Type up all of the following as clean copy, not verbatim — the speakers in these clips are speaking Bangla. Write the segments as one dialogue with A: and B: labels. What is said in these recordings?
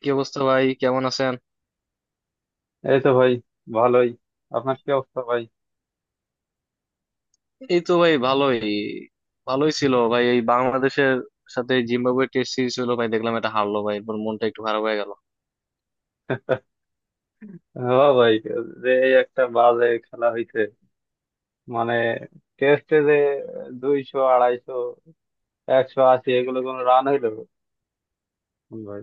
A: কি অবস্থা ভাই, কেমন আছেন?
B: এই তো ভাই ভালোই। আপনার কি অবস্থা ভাই?
A: এই তো ভাই, ভালোই। ভালোই ছিল ভাই, এই বাংলাদেশের সাথে জিম্বাবুয়ে টেস্ট সিরিজ হলো ভাই, দেখলাম এটা হারলো ভাই, এরপর মনটা একটু খারাপ হয়ে গেল।
B: হ্যাঁ ভাই, যে এই একটা বাজে খেলা হইছে, মানে টেস্টে যে 200 250 180 এগুলো কোনো রান হইলো ভাই?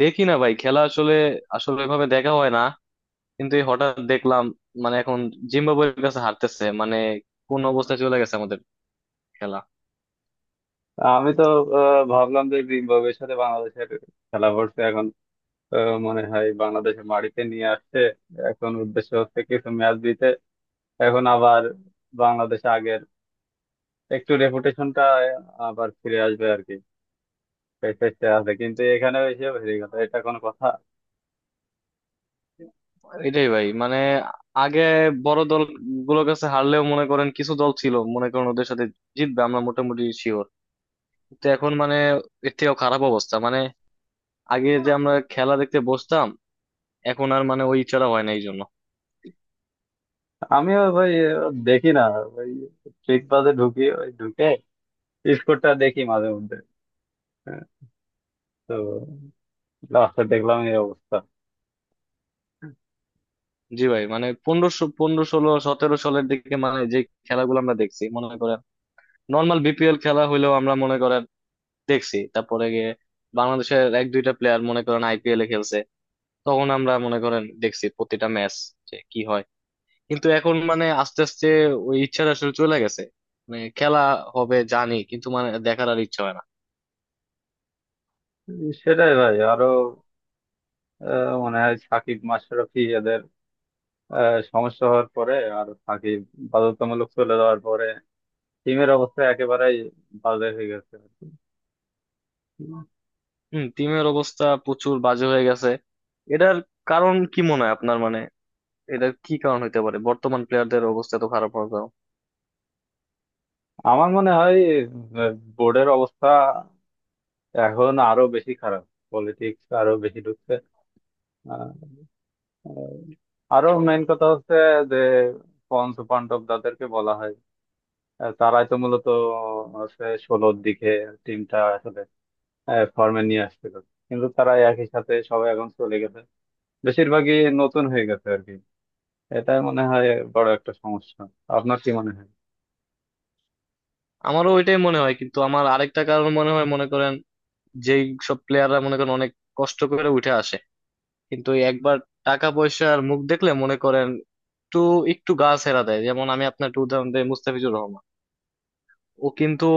A: দেখি না ভাই খেলা, আসলে আসলে এভাবে দেখা হয় না, কিন্তু এই হঠাৎ দেখলাম মানে এখন জিম্বাবুয়ের কাছে হারতেছে, মানে কোন অবস্থায় চলে গেছে আমাদের খেলা।
B: আমি তো ভাবলাম যে জিম্বাবুয়ের সাথে বাংলাদেশের খেলা পড়ছে এখন। আহ, মনে হয় বাংলাদেশে মাটিতে নিয়ে আসছে। এখন উদ্দেশ্য হচ্ছে কিছু ম্যাচ দিতে, এখন আবার বাংলাদেশ আগের একটু রেপুটেশনটা আবার ফিরে আসবে আর কি। প্যাকেজটা আছে কিন্তু এখানে এসে হেরে গেল, এটা কোনো কথা?
A: এটাই ভাই, মানে আগে বড় দল গুলোর কাছে হারলেও মনে করেন কিছু দল ছিল মনে করেন ওদের সাথে জিতবে আমরা মোটামুটি শিওর, তো এখন মানে এর থেকেও খারাপ অবস্থা, মানে আগে যে আমরা খেলা দেখতে বসতাম, এখন আর মানে ওই ইচ্ছাটা হয় না এই জন্য।
B: আমিও ভাই দেখি না, ওই ট্রিক বাজে ঢুকি, ওই ঢুকে স্কোরটা দেখি মাঝে মধ্যে। হ্যাঁ, তো লাস্টে দেখলাম এই অবস্থা।
A: জি ভাই, মানে পনেরোশো পনেরো ষোলো সতেরো সালের দিকে মানে যে খেলাগুলো আমরা দেখছি মনে করেন, নর্মাল বিপিএল খেলা হইলেও আমরা মনে করেন দেখছি, তারপরে গিয়ে বাংলাদেশের এক দুইটা প্লেয়ার মনে করেন আইপিএল এ খেলছে, তখন আমরা মনে করেন দেখছি প্রতিটা ম্যাচ যে কি হয়। কিন্তু এখন মানে আস্তে আস্তে ওই ইচ্ছাটা আসলে চলে গেছে, মানে খেলা হবে জানি কিন্তু মানে দেখার আর ইচ্ছা হয় না।
B: সেটাই ভাই, আরো মনে হয় সাকিব মাশরাফি এদের সমস্যা হওয়ার পরে, আর সাকিব বাধ্যতামূলক চলে যাওয়ার পরে টিমের অবস্থা একেবারেই বাজে হয়ে গেছে আর কি।
A: হম, টিমের অবস্থা প্রচুর বাজে হয়ে গেছে। এটার কারণ কি মনে হয় আপনার? মানে এটার কি কারণ হইতে পারে বর্তমান প্লেয়ারদের অবস্থা তো খারাপ হওয়ার কারণ?
B: আমার মনে হয় বোর্ডের অবস্থা এখন আরো বেশি খারাপ, পলিটিক্স আরো বেশি ঢুকছে। আহ, আহ, আরো মেইন কথা হচ্ছে যে পঞ্চ পাণ্ডব যাদেরকে বলা হয়, তারাই তো মূলত হচ্ছে 16-র দিকে টিমটা আসলে ফর্মে নিয়ে আসছিল, কিন্তু তারা একই সাথে সবাই এখন চলে গেছে, বেশিরভাগই নতুন হয়ে গেছে আর কি। এটাই মনে হয় বড় একটা সমস্যা। আপনার কি মনে হয়?
A: আমারও ওইটাই মনে হয়, কিন্তু আমার আরেকটা কারণ মনে হয় মনে করেন যেই সব প্লেয়াররা মনে করেন অনেক কষ্ট করে উঠে আসে, কিন্তু ওই একবার টাকা পয়সার মুখ দেখলে মনে করেন একটু একটু গা ছেড়া দেয়। যেমন আমি আপনার একটু উদাহরণ দিই, মুস্তাফিজুর রহমান, ও কিন্তু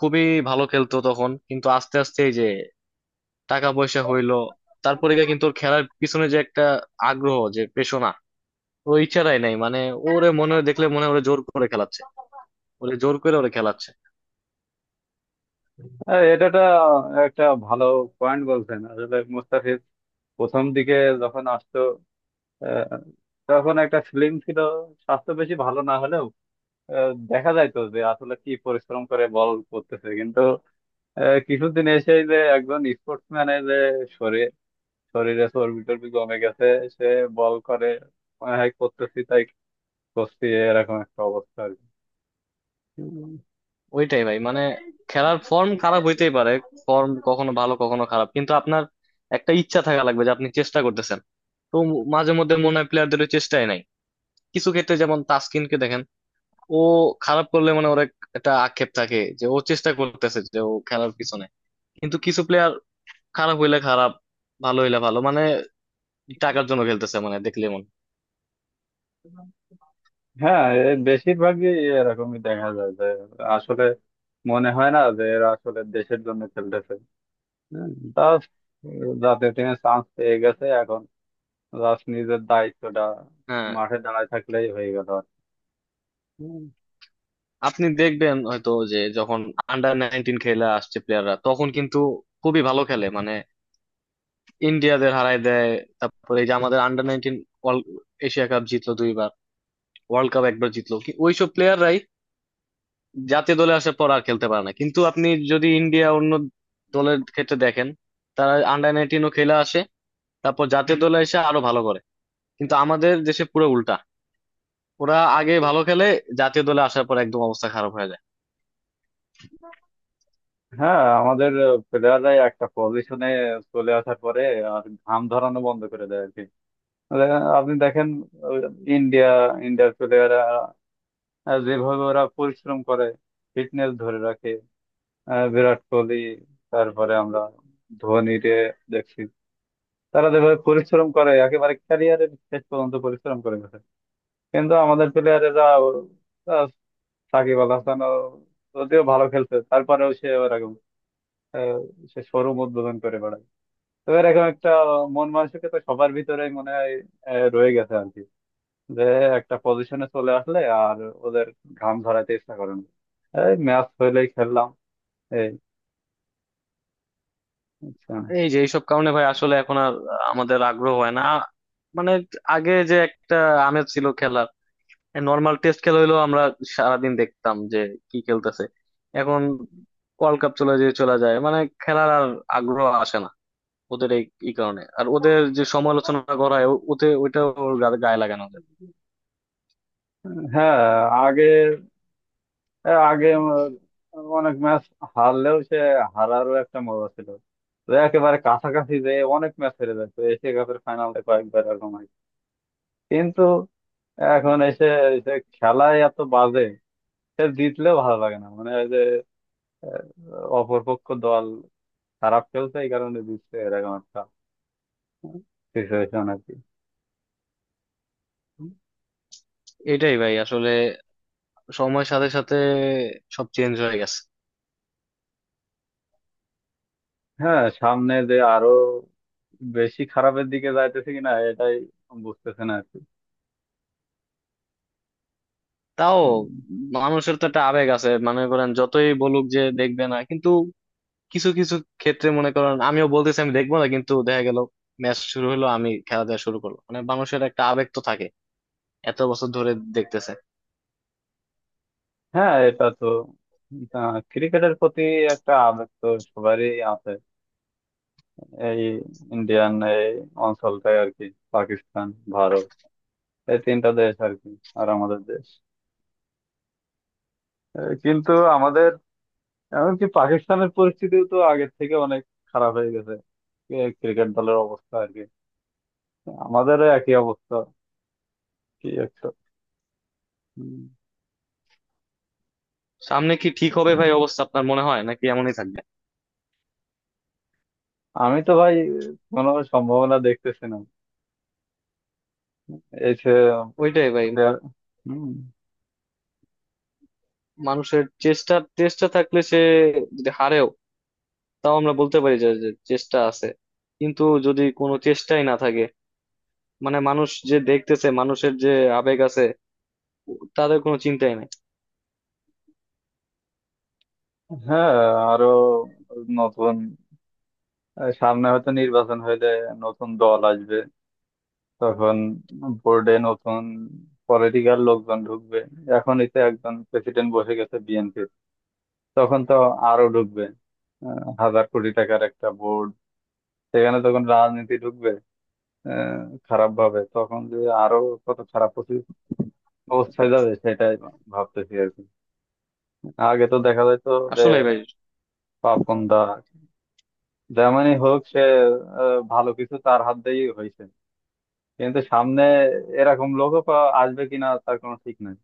A: খুবই ভালো খেলতো তখন, কিন্তু আস্তে আস্তে এই যে টাকা পয়সা হইলো, তারপরে গিয়ে কিন্তু ওর খেলার পিছনে যে একটা আগ্রহ যে পেশনা, ওই ইচ্ছাটাই নাই, মানে ওরে মনে হয় দেখলে মনে হয় ওরে জোর করে খেলাচ্ছে, ওরে জোর করে খেলাচ্ছে।
B: এটা একটা একটা ভালো পয়েন্ট বলছেন। আসলে মুস্তাফিজ প্রথম দিকে যখন আসতো আহ, তখন একটা ফিল্ম ছিল, স্বাস্থ্য বেশি ভালো না হলেও দেখা যায় তো যে আসলে কি পরিশ্রম করে বল করতেছে, কিন্তু কিছুদিন এসে যে একজন স্পোর্টসম্যানের যে শরীর, শরীরে চর্বি টর্বি কমে গেছে, সে বল করে, মনে হয় করতেছি তাই করছি, এরকম একটা অবস্থা আর কি। উম,
A: ওইটাই ভাই, মানে খেলার ফর্ম খারাপ হইতেই পারে, ফর্ম কখনো ভালো কখনো খারাপ, কিন্তু আপনার একটা ইচ্ছা থাকা লাগবে যে আপনি চেষ্টা করতেছেন। তো মাঝে মধ্যে মনে হয় প্লেয়ারদের ওই চেষ্টাই নাই, কিছু ক্ষেত্রে যেমন তাসকিনকে দেখেন, ও খারাপ করলে মানে ওর একটা আক্ষেপ থাকে যে ও চেষ্টা করতেছে, যে ও খেলার পিছনে। কিন্তু কিছু প্লেয়ার খারাপ হইলে খারাপ, ভালো হইলে ভালো, মানে টাকার জন্য খেলতেছে মানে দেখলে মন।
B: হ্যাঁ, এ বেশিরভাগই এরকমই দেখা যায় যে আসলে মনে হয় না যে এরা আসলে দেশের জন্য খেলতেছে। হম, তা জাতীয় টিমে চান্স পেয়ে গেছে, এখন জাস্ট নিজের দায়িত্বটা
A: হ্যাঁ,
B: মাঠে দাঁড়ায় থাকলেই হয়ে গেল আর কি। হুম।
A: আপনি দেখবেন হয়তো যে যখন আন্ডার 19 খেলে আসছে প্লেয়াররা তখন কিন্তু খুবই ভালো খেলে, মানে ইন্ডিয়াদের হারায় দেয়। তারপরে এই যে আমাদের আন্ডার 19 এশিয়া কাপ জিতলো দুইবার, ওয়ার্ল্ড কাপ একবার জিতলো, ওইসব প্লেয়াররাই জাতীয় দলে আসার পর আর খেলতে পারে না। কিন্তু আপনি যদি ইন্ডিয়া অন্য দলের ক্ষেত্রে দেখেন, তারা আন্ডার 19ও খেলে আসে, তারপর জাতীয় দলে এসে আরো ভালো করে। কিন্তু আমাদের দেশে পুরো উল্টা, ওরা আগে ভালো খেলে, জাতীয় দলে আসার পর একদম অবস্থা খারাপ হয়ে যায়।
B: হ্যাঁ, আমাদের প্লেয়াররাই একটা পজিশনে চলে আসার পরে আর ঘাম ধরানো বন্ধ করে দেয় আর কি। মানে আপনি দেখেন ইন্ডিয়া, ইন্ডিয়ার প্লেয়াররা যেভাবে ওরা পরিশ্রম করে, ফিটনেস ধরে রাখে, বিরাট কোহলি, তারপরে আমরা ধোনি রে দেখছি, তারা যেভাবে পরিশ্রম করে একেবারে ক্যারিয়ারের শেষ পর্যন্ত পরিশ্রম করে গেছে। কিন্তু আমাদের প্লেয়ারেরা, সাকিব আল হাসানও যদিও ভালো খেলছে তারপরেও সে ওরকম, আহ, সে শোরুম উদ্বোধন করে বেড়ায়। তো এরকম একটা মন মানসিকতা সবার ভিতরে মনে হয় রয়ে গেছে আর কি, যে একটা পজিশনে চলে আসলে আর ওদের ঘাম ঝরাতে ইচ্ছা করে না, এই ম্যাচ হইলেই খেললাম এই আচ্ছা।
A: এই যে এইসব কারণে ভাই আসলে এখন আর আমাদের আগ্রহ হয় না, মানে আগে যে একটা আমেজ ছিল খেলার, নর্মাল টেস্ট খেলা হইলেও আমরা সারাদিন দেখতাম যে কি খেলতেছে। এখন ওয়ার্ল্ড কাপ চলে যায়, মানে খেলার আর আগ্রহ আসে না ওদের। এই এই কারণে আর ওদের যে সমালোচনা করা হয় ওতে ওইটা ওর গায়ে লাগানো যায়।
B: হ্যাঁ, আগে আগে অনেক ম্যাচ হারলেও সে হারারও একটা মজা ছিল, তো একেবারে কাছাকাছি যে অনেক ম্যাচ হেরে যায়, তো এশিয়া কাপের ফাইনালে কয়েকবার এরকম হয়। কিন্তু এখন এসে এসে খেলায় এত বাজে, সে জিতলেও ভালো লাগে না, মানে ওই যে আহ, অপরপক্ষ দল খারাপ খেলছে এই কারণে জিতছে, এরকম একটা সিচুয়েশন আর কি।
A: এটাই ভাই, আসলে সময়ের সাথে সাথে সব চেঞ্জ হয়ে গেছে।
B: হ্যাঁ, সামনে যে আরো বেশি খারাপের দিকে যাইতেছে কিনা এটাই বুঝতেছে না আর কি।
A: তাও
B: উম,
A: মানুষের তো একটা আবেগ আছে মনে করেন, যতই বলুক যে দেখবে না, কিন্তু কিছু কিছু ক্ষেত্রে মনে করেন আমিও বলতেছি আমি দেখবো না, কিন্তু দেখা গেল ম্যাচ শুরু হলো আমি খেলা দেখা শুরু করলো, মানে মানুষের একটা আবেগ তো থাকে, এত বছর ধরে দেখতেছে।
B: হ্যাঁ এটা তো ক্রিকেটের প্রতি একটা আবেগ তো সবারই আছে, এই ইন্ডিয়ান এই অঞ্চলটাই আর কি, পাকিস্তান, ভারত, এই তিনটা দেশ আর কি, আর আমাদের দেশ। কিন্তু আমাদের এমনকি পাকিস্তানের পরিস্থিতিও তো আগের থেকে অনেক খারাপ হয়ে গেছে, ক্রিকেট দলের অবস্থা আর কি, আমাদেরও একই অবস্থা কি একটা। উম,
A: সামনে কি ঠিক হবে ভাই অবস্থা আপনার মনে হয়, নাকি এমনই থাকবে?
B: আমি তো ভাই কোনো সম্ভাবনা দেখতেছি না এই যে
A: ওইটাই ভাই,
B: দে- হুম,
A: মানুষের চেষ্টা চেষ্টা থাকলে সে যদি হারেও তাও আমরা বলতে পারি যে যে চেষ্টা আছে, কিন্তু যদি কোনো চেষ্টাই না থাকে, মানে মানুষ যে দেখতেছে মানুষের যে আবেগ আছে, তাদের কোনো চিন্তাই নাই।
B: হ্যাঁ, আরো নতুন সামনে হয়তো নির্বাচন হইলে নতুন দল আসবে, তখন বোর্ডে নতুন পলিটিক্যাল লোকজন ঢুকবে, এখনই তো একজন প্রেসিডেন্ট বসে গেছে, তখন তো আরো ঢুকবে। হাজার কোটি টাকার একটা বোর্ড, সেখানে তখন রাজনীতি ঢুকবে খারাপ ভাবে, তখন যে আরো কত খারাপ অবস্থায় যাবে সেটাই ভাবতেছি আর কি। আগে তো দেখা যায় তো, যে
A: আসলে ভাই
B: পাপন্দা যেমনই হোক সে ভালো কিছু তার হাত দিয়েই হয়েছে, কিন্তু সামনে এরকম লোকও আসবে কিনা তার কোনো ঠিক নাই।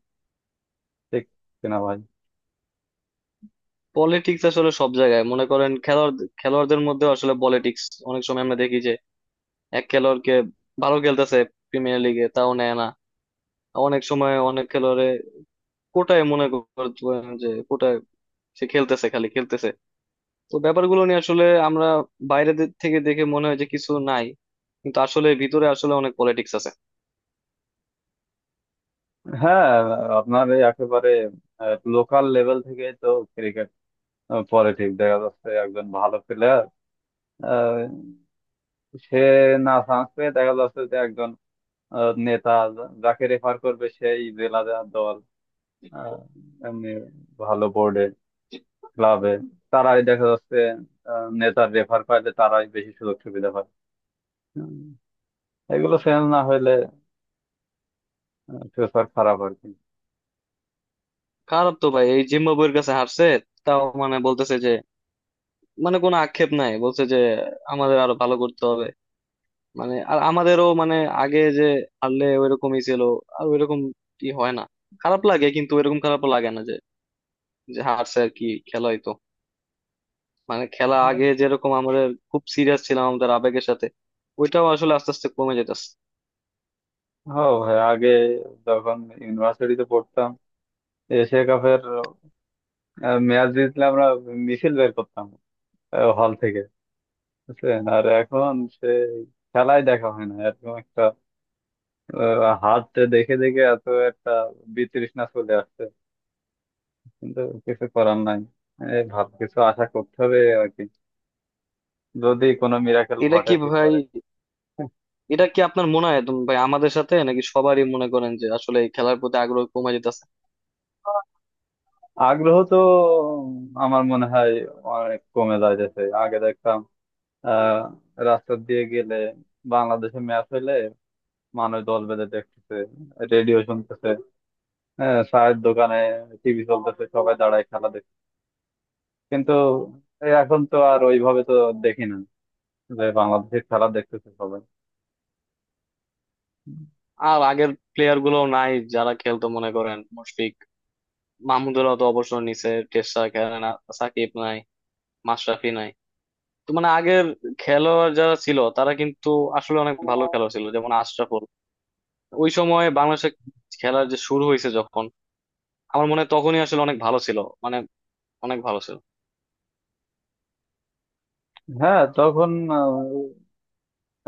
B: ঠিক কিনা ভাই?
A: পলিটিক্স আসলে সব জায়গায় মনে করেন, খেলোয়াড়দের মধ্যে আসলে পলিটিক্স, অনেক সময় আমরা দেখি যে এক খেলোয়াড়কে ভালো খেলতেছে প্রিমিয়ার লিগে তাও নেয় না, অনেক সময় অনেক খেলোয়াড়ে কোটায় মনে করেন যে কোটায় সে খেলতেছে খালি খেলতেছে। তো ব্যাপারগুলো নিয়ে আসলে আমরা বাইরে থেকে দেখে মনে হয় যে কিছু নাই, কিন্তু আসলে ভিতরে আসলে অনেক পলিটিক্স আছে।
B: হ্যাঁ, আপনার এই একেবারে লোকাল লেভেল থেকে তো ক্রিকেট আহ পরে ঠিক দেখা যাচ্ছে একজন ভালো প্লেয়ার সে না চান্স পেয়ে দেখা যাচ্ছে যে একজন নেতা যাকে রেফার করবে সেই জেলা যা দল আহ, এমনি ভালো বোর্ডে, ক্লাবে, তারাই দেখা যাচ্ছে নেতার রেফার পাইলে তারাই বেশি সুযোগ সুবিধা পায়। উম, এগুলো চেঞ্জ না হইলে ফিউচার খারাপ আর কি।
A: খারাপ তো ভাই, এই জিম্বাবুয়ের কাছে হারছে, তাও মানে বলতেছে যে, মানে কোনো আক্ষেপ নাই, বলছে যে আমাদের আরো ভালো করতে হবে, মানে আর আমাদেরও মানে আগে যে হারলে ওইরকমই ছিল, আর ওইরকম কি হয় না, খারাপ লাগে কিন্তু ওইরকম খারাপ লাগে না যে যে হারছে আর কি খেলা হইতো, মানে খেলা
B: আহ,
A: আগে যেরকম আমাদের খুব সিরিয়াস ছিলাম আমাদের আবেগের সাথে, ওইটাও আসলে আস্তে আস্তে কমে যেতেছে।
B: হ্যাঁ ভাই, আগে যখন ইউনিভার্সিটিতে পড়তাম, এশিয়া কাপের ম্যাচ জিতলে আমরা মিছিল বের করতাম হল থেকে, বুঝছেন? আর এখন সে খেলাই দেখা হয় না, এরকম একটা হাতটা দেখে দেখে এত একটা বিতৃষ্ণা চলে আসছে। কিন্তু কিছু করার নাই, এই ভালো কিছু আশা করতে হবে আর কি, যদি কোনো মিরাকেল
A: এটা
B: ঘটে
A: কি ভাই,
B: ফিউচারে।
A: এটা কি আপনার মনে হয় একদম ভাই আমাদের সাথে নাকি সবারই মনে করেন যে আসলে এই খেলার প্রতি আগ্রহ কমে যেতেছে?
B: আগ্রহ তো আমার মনে হয় অনেক কমে যাইতেছে। আগে দেখতাম আহ রাস্তা দিয়ে গেলে, বাংলাদেশে ম্যাচ হইলে মানুষ দল বেঁধে দেখতেছে, রেডিও শুনতেছে, হ্যাঁ চায়ের দোকানে টিভি চলতেছে সবাই দাঁড়ায় খেলা, কিন্তু এ এখন তো আর ওইভাবে তো দেখি না যে বাংলাদেশের খেলা দেখতেছে সবাই।
A: আর আগের প্লেয়ার গুলো নাই যারা খেলতো মনে করেন, মুশফিক, মাহমুদুলাহ তো অবসর নিছে টেস্ট ছাড়া খেলে না, সাকিব নাই, মাশরাফি নাই। তো মানে আগের খেলোয়াড় যারা ছিল তারা কিন্তু আসলে অনেক ভালো খেলোয়াড় ছিল, যেমন আশরাফুল। ওই সময় বাংলাদেশে খেলার যে শুরু হয়েছে যখন, আমার মনে হয় তখনই আসলে অনেক ভালো ছিল, মানে অনেক ভালো ছিল।
B: হ্যাঁ, তখন আহ,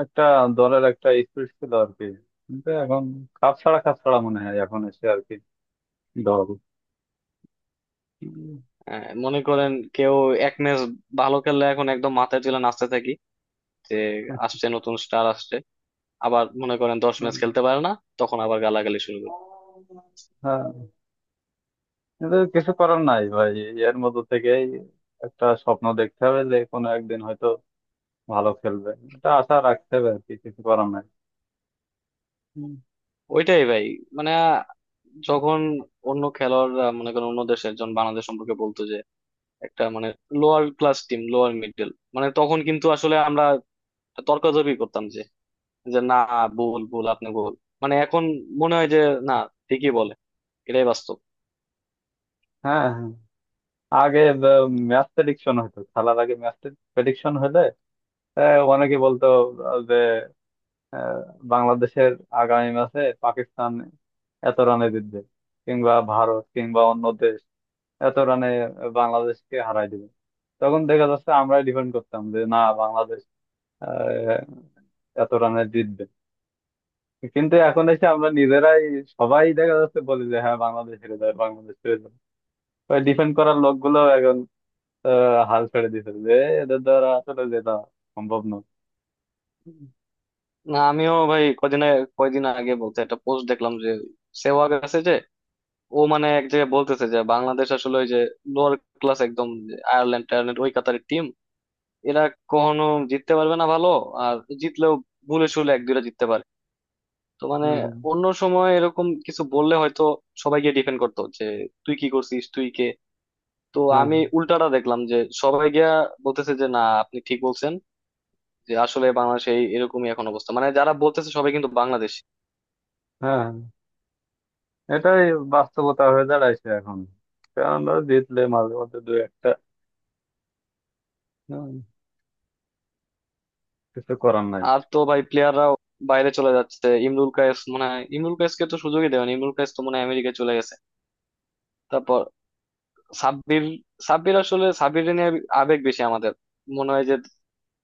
B: একটা দলের একটা স্পিরিট ছিল আর কি, কিন্তু এখন কাপ ছাড়া কাপ ছাড়া মনে হয় এখন এসে আর কি দল। উম,
A: মনে করেন কেউ এক ম্যাচ ভালো খেললে এখন একদম মাথায় তুলে নাচতে থাকি যে আসছে নতুন স্টার আসছে, আবার মনে করেন 10 ম্যাচ খেলতে পারে না, তখন আবার গালাগালি শুরু করে।
B: হ্যাঁ, কিন্তু কিছু করার নাই ভাই, এর মধ্যে থেকেই একটা স্বপ্ন দেখতে হবে যে কোনো একদিন হয়তো ভালো খেলবে, এটা আশা রাখতে হবে আর কি, কিছু করার নাই। হুম।
A: ওইটাই ভাই, মানে যখন অন্য খেলোয়াড়রা মনে করেন অন্য দেশের একজন বাংলাদেশ সম্পর্কে বলতো একটা মানে lower class team, lower middle, মানে তখন কিন্তু আসলে আমরা তর্কাতর্কি করতাম যে যে না, ভুল ভুল আপনি ভুল। মানে এখন মনে হয় যে না, ঠিকই বলে, এটাই বাস্তব।
B: হ্যাঁ, হ্যাঁ। আগে ম্যাচ প্রেডিকশন হতো, খেলার আগে ম্যাচ প্রেডিকশন হলে অনেকে বলতো আহ, যে আহ, বাংলাদেশের আগামী ম্যাচে পাকিস্তান এত রানে জিতবে, কিংবা ভারত কিংবা অন্য দেশ এত রানে বাংলাদেশকে হারাই দিবে, তখন দেখা যাচ্ছে আমরাই ডিফেন্ড করতাম যে না, বাংলাদেশ আহ, এত রানে জিতবে। কিন্তু এখন এসে আমরা নিজেরাই সবাই দেখা যাচ্ছে বলি যে হ্যাঁ, বাংলাদেশ হেরে যাবে, বাংলাদেশ হেরে যাবে। ডিফেন্ড করার লোকগুলো এখন হাল ছেড়ে দিয়েছে যে এদের দ্বারা আসলে যেটা সম্ভব নয়।
A: না আমিও ভাই কয়দিন আগে বলতে একটা পোস্ট দেখলাম যে সেহওয়াগ আছে যে, ও মানে এক জায়গায় বলতেছে যে বাংলাদেশ আসলে ওই যে লোয়ার ক্লাস, একদম যে আয়ারল্যান্ড টায়ারল্যান্ড ওই কাতারের টিম, এরা কখনো জিততে পারবে না ভালো, আর জিতলেও ভুলে শুলে এক দুইটা জিততে পারে। তো মানে
B: হম হম,
A: অন্য সময় এরকম কিছু বললে হয়তো সবাই গিয়ে ডিফেন্ড করতো যে তুই কি করছিস, তুই কে। তো
B: হ্যাঁ
A: আমি উল্টাটা দেখলাম যে সবাই গিয়া বলতেছে যে না আপনি ঠিক বলছেন, যে আসলে বাংলাদেশে এরকমই এখন অবস্থা, মানে যারা বলতেছে সবাই, কিন্তু বাংলাদেশ।
B: হ্যাঁ, এটাই বাস্তবতা হয়ে দাঁড়াইছে এখন, কারণ ওরা জিতলে মাঝে মধ্যে দু একটা। উম, কিছু করার নাই।
A: আর তো ভাই প্লেয়াররা বাইরে চলে যাচ্ছে, ইমরুল কায়েস, মানে ইমরুল কায়েসকে তো সুযোগই দেয়নি, ইমরুল কায়েস তো মনে হয় আমেরিকায় চলে গেছে, তারপর সাব্বির, সাব্বির আসলে সাব্বির নিয়ে আবেগ বেশি আমাদের, মনে হয় যে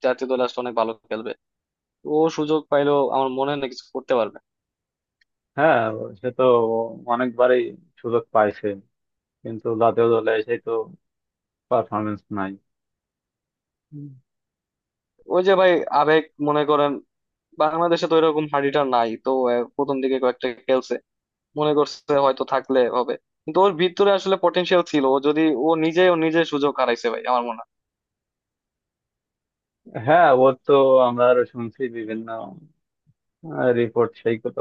A: জাতীয় দল আসলে অনেক ভালো খেলবে, ও সুযোগ পাইলেও আমার মনে হয় না কিছু করতে পারবে।
B: হ্যাঁ, সে তো অনেকবারই সুযোগ পাইছে, কিন্তু জাতীয় দলে এসে তো পারফরমেন্স নাই। হুম।
A: ওই যে ভাই আবেগ, মনে করেন বাংলাদেশে তো এরকম হাড়িটা নাই তো, প্রথম দিকে কয়েকটা খেলছে, মনে করছে হয়তো থাকলে হবে, কিন্তু ওর ভিতরে আসলে পটেনশিয়াল ছিল, ও যদি ও নিজে সুযোগ হারাইছে ভাই আমার মনে হয়।
B: হ্যাঁ, ওর তো আমরা আরো শুনছি বিভিন্ন রিপোর্ট, সেই কত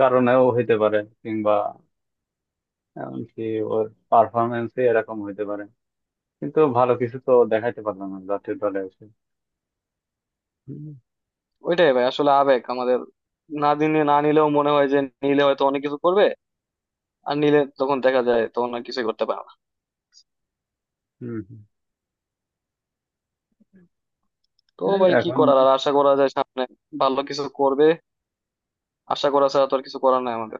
B: কারণেও হইতে পারে, কিংবা এমনকি ওর পারফরমেন্স এরকম হইতে পারে, কিন্তু ভালো কিছু তো দেখাইতে পারলাম না জাতীয় দলে এসে। হুম
A: ওইটাই ভাই আসলে আবেগ আমাদের, না দিনে না নিলেও মনে হয় যে নিলে হয়তো অনেক কিছু করবে, আর নিলে তখন দেখা যায় তখন আর কিছুই করতে পারে না।
B: হুম হুম।
A: তো
B: এই
A: ভাই কি
B: এখন
A: করার, আর আশা করা যায় সামনে ভালো কিছু করবে, আশা করা ছাড়া তো আর কিছু করার নাই আমাদের।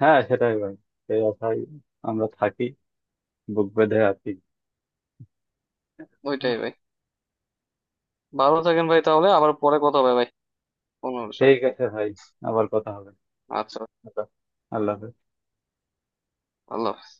B: হ্যাঁ, সেটাই ভাই, সেই আশায় আমরা থাকি, বুক বেঁধে আছি।
A: ওইটাই ভাই, ভালো থাকেন ভাই, তাহলে আবার পরে কথা হবে ভাই কোনো বিষয়।
B: ঠিক আছে ভাই, আবার কথা হবে।
A: আচ্ছা,
B: আচ্ছা, আল্লাহ হাফেজ।
A: আল্লাহ হাফেজ।